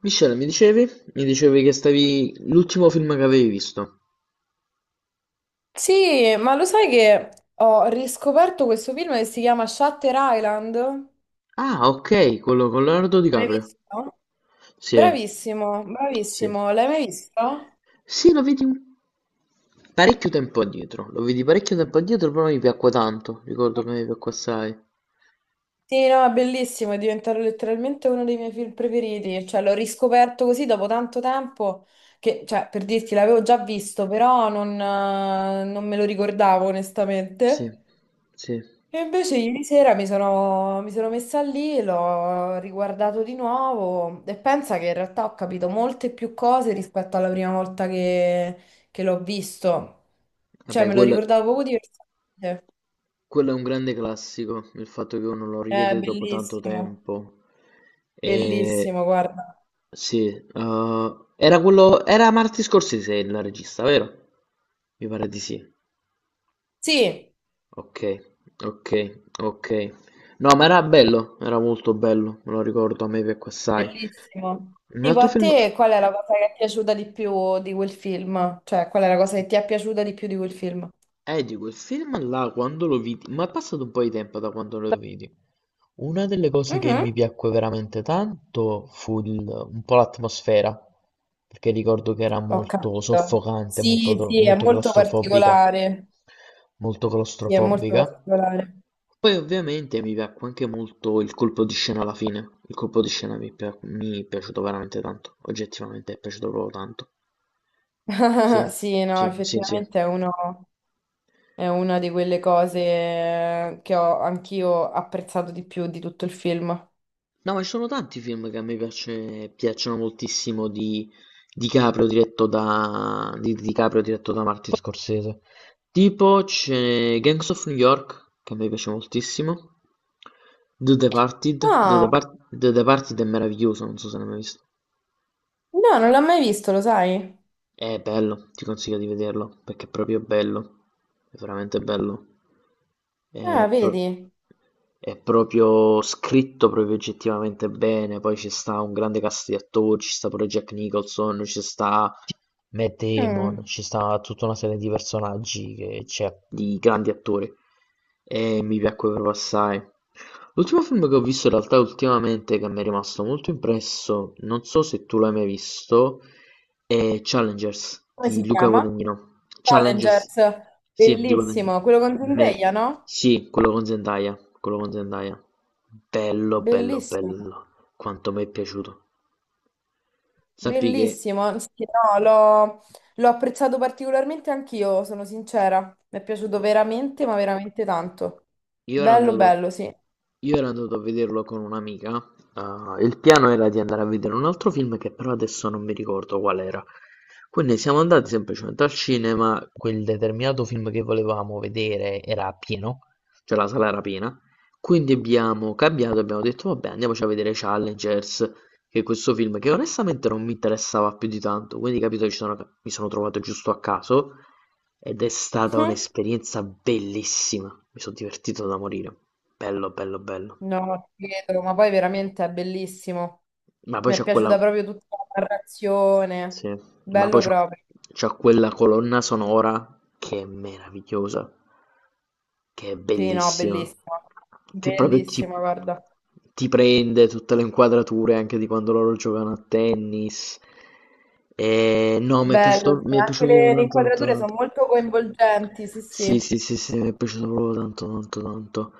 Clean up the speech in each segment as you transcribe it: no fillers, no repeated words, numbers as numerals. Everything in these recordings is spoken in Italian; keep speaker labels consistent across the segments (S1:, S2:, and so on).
S1: Michele, mi dicevi? Mi dicevi che stavi... l'ultimo film che avevi visto.
S2: Sì, ma lo sai che ho riscoperto questo film che si chiama Shutter Island?
S1: Ah, ok, quello con Leonardo
S2: L'hai
S1: DiCaprio.
S2: visto?
S1: Sì,
S2: Bravissimo,
S1: sì.
S2: bravissimo. L'hai mai visto?
S1: Sì, lo vedi un... parecchio tempo addietro. Lo vedi parecchio tempo addietro, però mi piacque tanto. Ricordo che mi piacque assai.
S2: Sì, no, è bellissimo, è diventato letteralmente uno dei miei film preferiti. Cioè, l'ho riscoperto così dopo tanto tempo per dirti, l'avevo già visto, però non me lo ricordavo
S1: Sì,
S2: onestamente.
S1: sì.
S2: E invece ieri sera mi sono messa lì, l'ho riguardato di nuovo e pensa che in realtà ho capito molte più cose rispetto alla prima volta che l'ho visto. Cioè,
S1: Vabbè,
S2: me lo
S1: quello...
S2: ricordavo poco diversamente.
S1: Quello è un grande classico, il fatto che uno lo
S2: È
S1: rivede dopo tanto
S2: bellissimo,
S1: tempo. E...
S2: bellissimo, guarda.
S1: Sì, era quello... Era Martin Scorsese il regista, vero? Mi pare di sì.
S2: Sì,
S1: Ok, ok, ok. No, ma era bello, era molto bello, me lo ricordo, a me piacque assai.
S2: bellissimo.
S1: Un
S2: Tipo
S1: altro
S2: a
S1: film...
S2: te, qual è la cosa che ti è piaciuta di più di quel film? Cioè, qual è la cosa che ti è piaciuta di più di quel film?
S1: Dico, il film là, quando lo vidi... Ma è passato un po' di tempo da quando lo vidi. Una delle cose che
S2: Mhm.
S1: mi piacque veramente tanto fu un po' l'atmosfera, perché ricordo che era
S2: Ho
S1: molto
S2: capito.
S1: soffocante, molto,
S2: Sì, sì, è
S1: molto
S2: molto
S1: claustrofobica,
S2: particolare.
S1: molto
S2: Sì, è molto
S1: claustrofobica.
S2: particolare.
S1: Poi ovviamente mi piacque anche molto il colpo di scena alla fine, il colpo di scena mi è piaciuto veramente tanto, oggettivamente è piaciuto proprio tanto. Sì,
S2: Sì, no,
S1: sì, sì, sì.
S2: effettivamente è uno- è una di quelle cose che ho anch'io apprezzato di più di tutto il film.
S1: No, ma ci sono tanti film che a me piacciono moltissimo di DiCaprio di DiCaprio diretto da Martin Scorsese. Tipo c'è Gangs of New York, che a me piace moltissimo. The Departed,
S2: Ah,
S1: The Departed è meraviglioso, non so se l'hai mai visto.
S2: no, non l'ho mai visto, lo sai?
S1: È bello, ti consiglio di vederlo, perché è proprio bello, è veramente bello.
S2: Ah,
S1: È, pro-
S2: vedi.
S1: è proprio scritto proprio oggettivamente bene, poi ci sta un grande cast di attori, ci sta pure Jack Nicholson, ci sta Matt Damon,
S2: Mm.
S1: ci sta tutta una serie di personaggi che c'è di grandi attori e mi piacquero assai. L'ultimo film che ho visto in realtà ultimamente che mi è rimasto molto impresso, non so se tu l'hai mai visto, è Challengers
S2: Come
S1: di
S2: si
S1: Luca
S2: chiama?
S1: Guadagnino. Challengers,
S2: Challengers.
S1: sì, di Guadagnino.
S2: Bellissimo, quello con
S1: Mer-
S2: Zendaya, no?
S1: sì, quello con Zendaya, quello con Zendaya. Bello, bello,
S2: Bellissimo,
S1: bello. Quanto mi è piaciuto. Sappi che
S2: bellissimo. Sì, no, l'ho apprezzato particolarmente anch'io, sono sincera. Mi è piaciuto veramente, ma veramente tanto.
S1: Io ero
S2: Bello,
S1: andato,
S2: bello, sì.
S1: io ero andato a vederlo con un'amica. Il piano era di andare a vedere un altro film che però adesso non mi ricordo qual era. Quindi siamo andati semplicemente al cinema, quel determinato film che volevamo vedere era pieno, cioè la sala era piena. Quindi abbiamo cambiato, abbiamo detto vabbè andiamoci a vedere Challengers, che questo film, che onestamente non mi interessava più di tanto, quindi capito, mi sono trovato giusto a caso ed è stata
S2: Mm?
S1: un'esperienza bellissima, mi sono divertito da morire, bello, bello, bello.
S2: No, ti credo, ma poi veramente è bellissimo.
S1: Ma poi
S2: Mi è
S1: c'è quella
S2: piaciuta proprio tutta la narrazione.
S1: Sì, ma poi
S2: Bello proprio.
S1: c'ha quella colonna sonora che è meravigliosa, che è
S2: Sì, no,
S1: bellissima,
S2: bellissimo.
S1: che
S2: Bellissimo, guarda.
S1: ti prende tutte le inquadrature anche di quando loro giocano a tennis. E no,
S2: Bello, sì.
S1: mi è
S2: Anche
S1: piaciuto proprio
S2: le
S1: tanto, tanto,
S2: inquadrature sono
S1: tanto.
S2: molto coinvolgenti, sì,
S1: Sì,
S2: sì.
S1: sì, sì, sì, mi è piaciuto proprio tanto, tanto, tanto.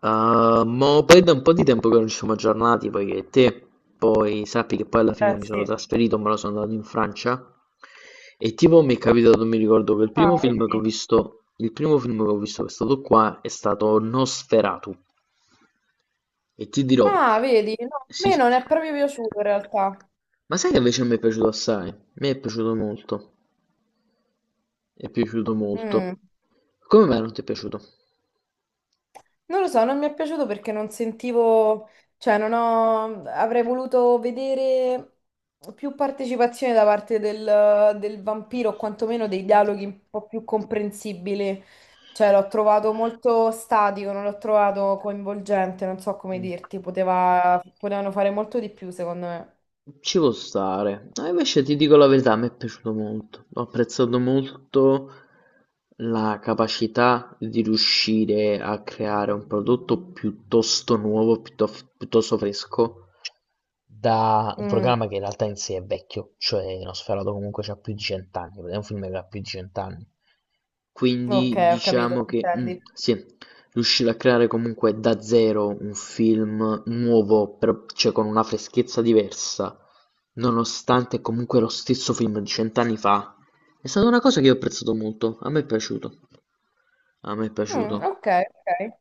S1: Mo poi da un po' di tempo che non ci siamo aggiornati, poi sappi che poi alla fine mi sono
S2: Sì.
S1: trasferito, me lo sono andato in Francia e tipo mi è capitato, mi ricordo che
S2: Ah, vedi?
S1: il primo film che ho visto che è stato qua è stato Nosferatu e ti dirò,
S2: Ah, vedi? No, a
S1: sì,
S2: me
S1: sì.
S2: non è proprio piaciuto in realtà.
S1: Ma sai che invece mi è piaciuto assai? Mi è piaciuto molto, è piaciuto
S2: Mm.
S1: molto. Come mai non ti è piaciuto?
S2: Non lo so, non mi è piaciuto perché non sentivo, cioè non ho, avrei voluto vedere più partecipazione da parte del vampiro, o quantomeno dei dialoghi un po' più comprensibili. Cioè l'ho trovato molto statico, non l'ho trovato coinvolgente, non so come
S1: Mm.
S2: dirti, poteva- potevano fare molto di più secondo me.
S1: Ci può stare. No, invece ti dico la verità, mi è piaciuto molto. Ho apprezzato molto la capacità di riuscire a creare un prodotto piuttosto nuovo, piuttosto fresco, da un
S2: Mm,
S1: programma che in realtà in sé è vecchio, cioè Nosferatu comunque ha più di cent'anni, è un film che ha più di cent'anni.
S2: ok,
S1: Quindi
S2: ho capito
S1: diciamo
S2: che
S1: che
S2: intendi.
S1: sì, riusciva a creare comunque da zero un film nuovo, però cioè con una freschezza diversa, nonostante comunque lo stesso film di cent'anni fa. È stata una cosa che io ho apprezzato molto, a me è piaciuto, a me è
S2: Mm,
S1: piaciuto.
S2: ok, ok.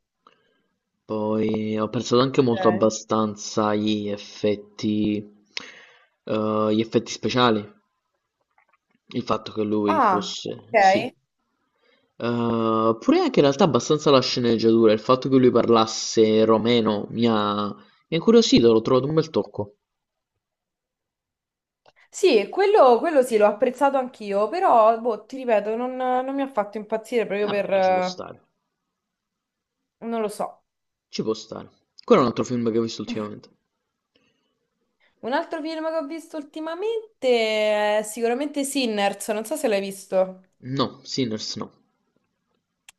S1: Poi ho apprezzato anche molto
S2: Ok.
S1: abbastanza gli effetti speciali, il fatto che lui
S2: Ah,
S1: fosse,
S2: ok.
S1: sì. Pure anche in realtà abbastanza la sceneggiatura, il fatto che lui parlasse romeno mi ha incuriosito, l'ho trovato un bel tocco.
S2: Sì, quello sì, l'ho apprezzato anch'io, però boh, ti ripeto, non mi ha fatto impazzire proprio
S1: Vabbè,
S2: per...
S1: ma ci può stare,
S2: non lo so.
S1: ci può stare. Quello è un altro film che ho visto ultimamente.
S2: Un altro film che ho visto ultimamente è sicuramente Sinners, non so se l'hai visto.
S1: No, Sinners no.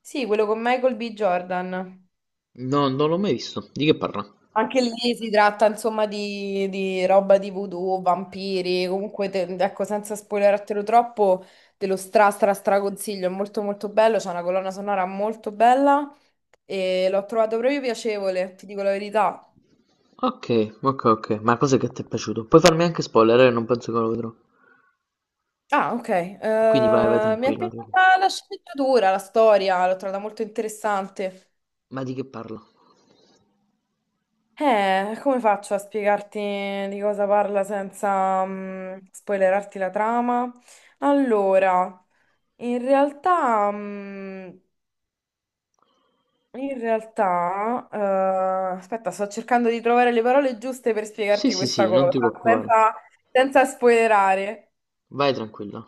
S2: Sì, quello con Michael B. Jordan.
S1: No, non l'ho mai visto. Di che parla?
S2: Anche lì si tratta insomma di roba di voodoo, vampiri, comunque te- ecco senza spoilerartelo troppo, te lo stra stra stra consiglio, è molto molto bello, c'è una colonna sonora molto bella e l'ho trovato proprio piacevole, ti dico la verità.
S1: Ok, ok, ok. Ma cos'è che ti è piaciuto? Puoi farmi anche spoiler, eh? Non penso che lo vedrò.
S2: Ah, ok.
S1: Quindi vai, vai
S2: Mi è
S1: tranquillo. Non ti preoccupare.
S2: piaciuta la sceneggiatura, la storia, l'ho trovata molto interessante.
S1: Ma di che parla?
S2: Come faccio a spiegarti di cosa parla senza spoilerarti la trama? Allora. In realtà, in realtà, aspetta, sto cercando di trovare le parole giuste per
S1: Sì,
S2: spiegarti
S1: sì,
S2: questa
S1: sì, non
S2: cosa,
S1: ti preoccupare.
S2: senza, senza spoilerare.
S1: Vai tranquilla.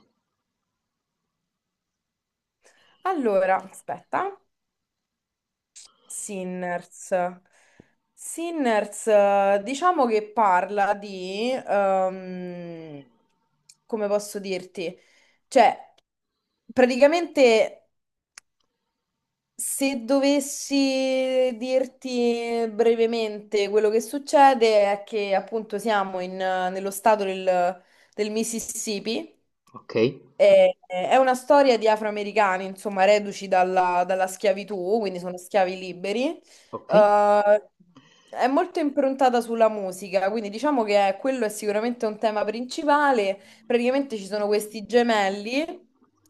S2: Allora, aspetta, Sinners. Sinners, diciamo che parla di, come posso dirti? Cioè, praticamente se dovessi dirti brevemente quello che succede è che appunto siamo in, nello stato del Mississippi.
S1: Ok,
S2: È una storia di afroamericani, insomma, reduci dalla schiavitù, quindi sono schiavi liberi.
S1: ok,
S2: Eh, è molto improntata sulla musica, quindi diciamo che quello è sicuramente un tema principale. Praticamente ci sono questi gemelli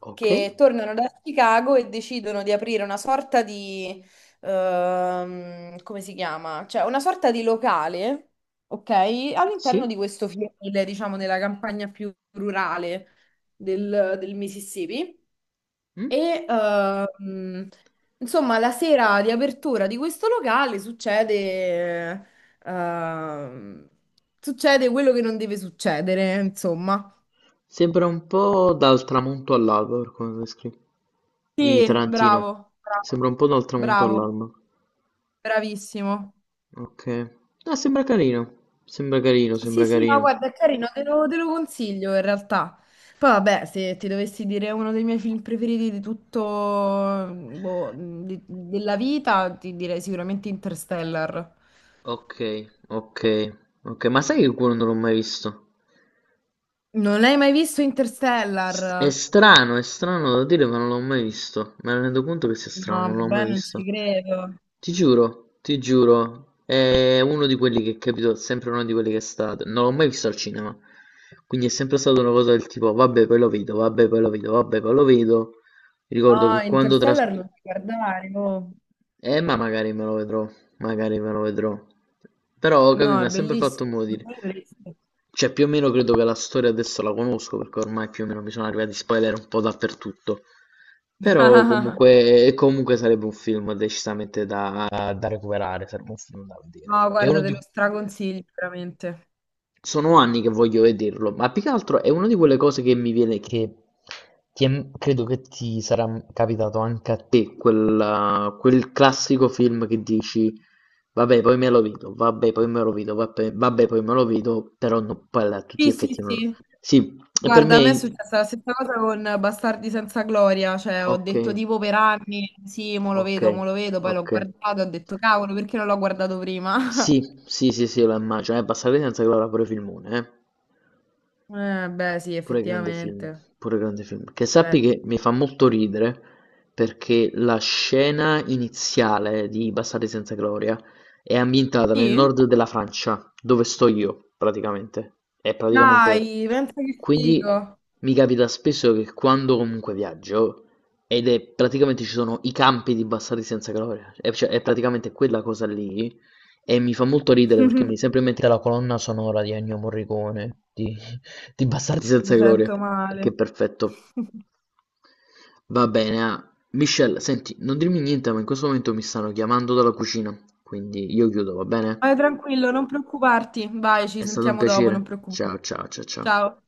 S1: ok.
S2: che tornano da Chicago e decidono di aprire una sorta di, come si chiama? Cioè una sorta di locale, ok? All'interno
S1: Sì?
S2: di questo fiele, diciamo, della campagna più rurale del Mississippi.
S1: Mm?
S2: E ehm, insomma, la sera di apertura di questo locale succede, ehm, succede quello che non deve succedere, insomma.
S1: Sembra un po' dal tramonto all'alba per come lo descrivi. Di
S2: Sì,
S1: Tarantino.
S2: bravo,
S1: Sembra
S2: bravo,
S1: un po' dal tramonto
S2: bravo,
S1: all'alba.
S2: bravissimo.
S1: Okay. Ah, sembra carino. Sembra carino,
S2: Sì,
S1: sembra
S2: sì, no,
S1: carino.
S2: guarda, è carino, te lo consiglio in realtà. Poi vabbè, se ti dovessi dire uno dei miei film preferiti di tutto, boh, di- della vita, ti direi sicuramente Interstellar.
S1: Okay, okay, okay. Ma sai che quello non l'ho mai visto?
S2: Non l'hai mai visto Interstellar?
S1: È strano da dire ma non l'ho mai visto. Me ne rendo conto che sia strano, ma
S2: No,
S1: non l'ho mai
S2: vabbè, non ci
S1: visto.
S2: credo.
S1: Ti giuro, è uno di quelli che capito, sempre uno di quelli che è stato. Non l'ho mai visto al cinema. Quindi è sempre stata una cosa del tipo, vabbè, poi lo vedo, vabbè, poi lo vedo, vabbè, poi lo vedo. Ricordo
S2: No,
S1: che quando tras-
S2: Interstellar lo devi guardare, oh.
S1: Ma magari me lo vedrò, magari me lo vedrò. Però, capì,
S2: No,
S1: mi
S2: è
S1: ha sempre fatto
S2: bellissimo.
S1: mo'
S2: Non
S1: dire.
S2: dovresti.
S1: Cioè, più o meno credo che la storia adesso la conosco, perché ormai più o meno mi sono arrivati spoiler un po' dappertutto. Però comunque, e comunque sarebbe un film decisamente da, da recuperare, sarebbe un film da vedere.
S2: No, guarda, te lo straconsiglio veramente.
S1: Sono anni che voglio vederlo, ma più che altro è una di quelle cose che mi viene che credo che ti sarà capitato anche a te, quel classico film che dici vabbè poi me lo vedo, vabbè poi me lo vedo, vabbè, vabbè, poi me lo vedo, però no, poi a tutti
S2: Sì,
S1: gli effetti
S2: sì,
S1: non lo...
S2: sì.
S1: Sì, e per
S2: Guarda, a me è
S1: me...
S2: successa la stessa cosa con Bastardi senza gloria, cioè ho
S1: Ok,
S2: detto tipo per anni, sì,
S1: ok,
S2: mo lo vedo, poi l'ho
S1: ok.
S2: guardato, ho detto cavolo, perché non l'ho guardato
S1: Sì,
S2: prima?
S1: sì, sì, sì, lo immagino, è abbastanza senza che l'avrà pure filmone, eh.
S2: Beh, sì,
S1: Pure grande film,
S2: effettivamente.
S1: pure grande film. Che
S2: Beh.
S1: sappi che mi fa molto ridere perché la scena iniziale di Bastardi senza gloria è ambientata nel
S2: Sì?
S1: nord della Francia, dove sto io, praticamente. È praticamente...
S2: Dai, pensa che
S1: Quindi
S2: figo.
S1: mi capita spesso che quando comunque viaggio, ed è praticamente ci sono i campi di Bastardi senza gloria, è, cioè, è praticamente quella cosa lì, e mi fa molto ridere perché mi viene sempre in mente la colonna sonora di Ennio Morricone, di Bastardi
S2: Mi
S1: senza gloria,
S2: sento
S1: perché
S2: male.
S1: è perfetto. Va bene, ah. Michelle, senti, non dirmi niente, ma in questo momento mi stanno chiamando dalla cucina, quindi io chiudo, va bene?
S2: Vai tranquillo, non preoccuparti. Vai, ci
S1: È stato un
S2: sentiamo dopo, non
S1: piacere.
S2: preoccuparti.
S1: Ciao, ciao, ciao, ciao.
S2: Ciao.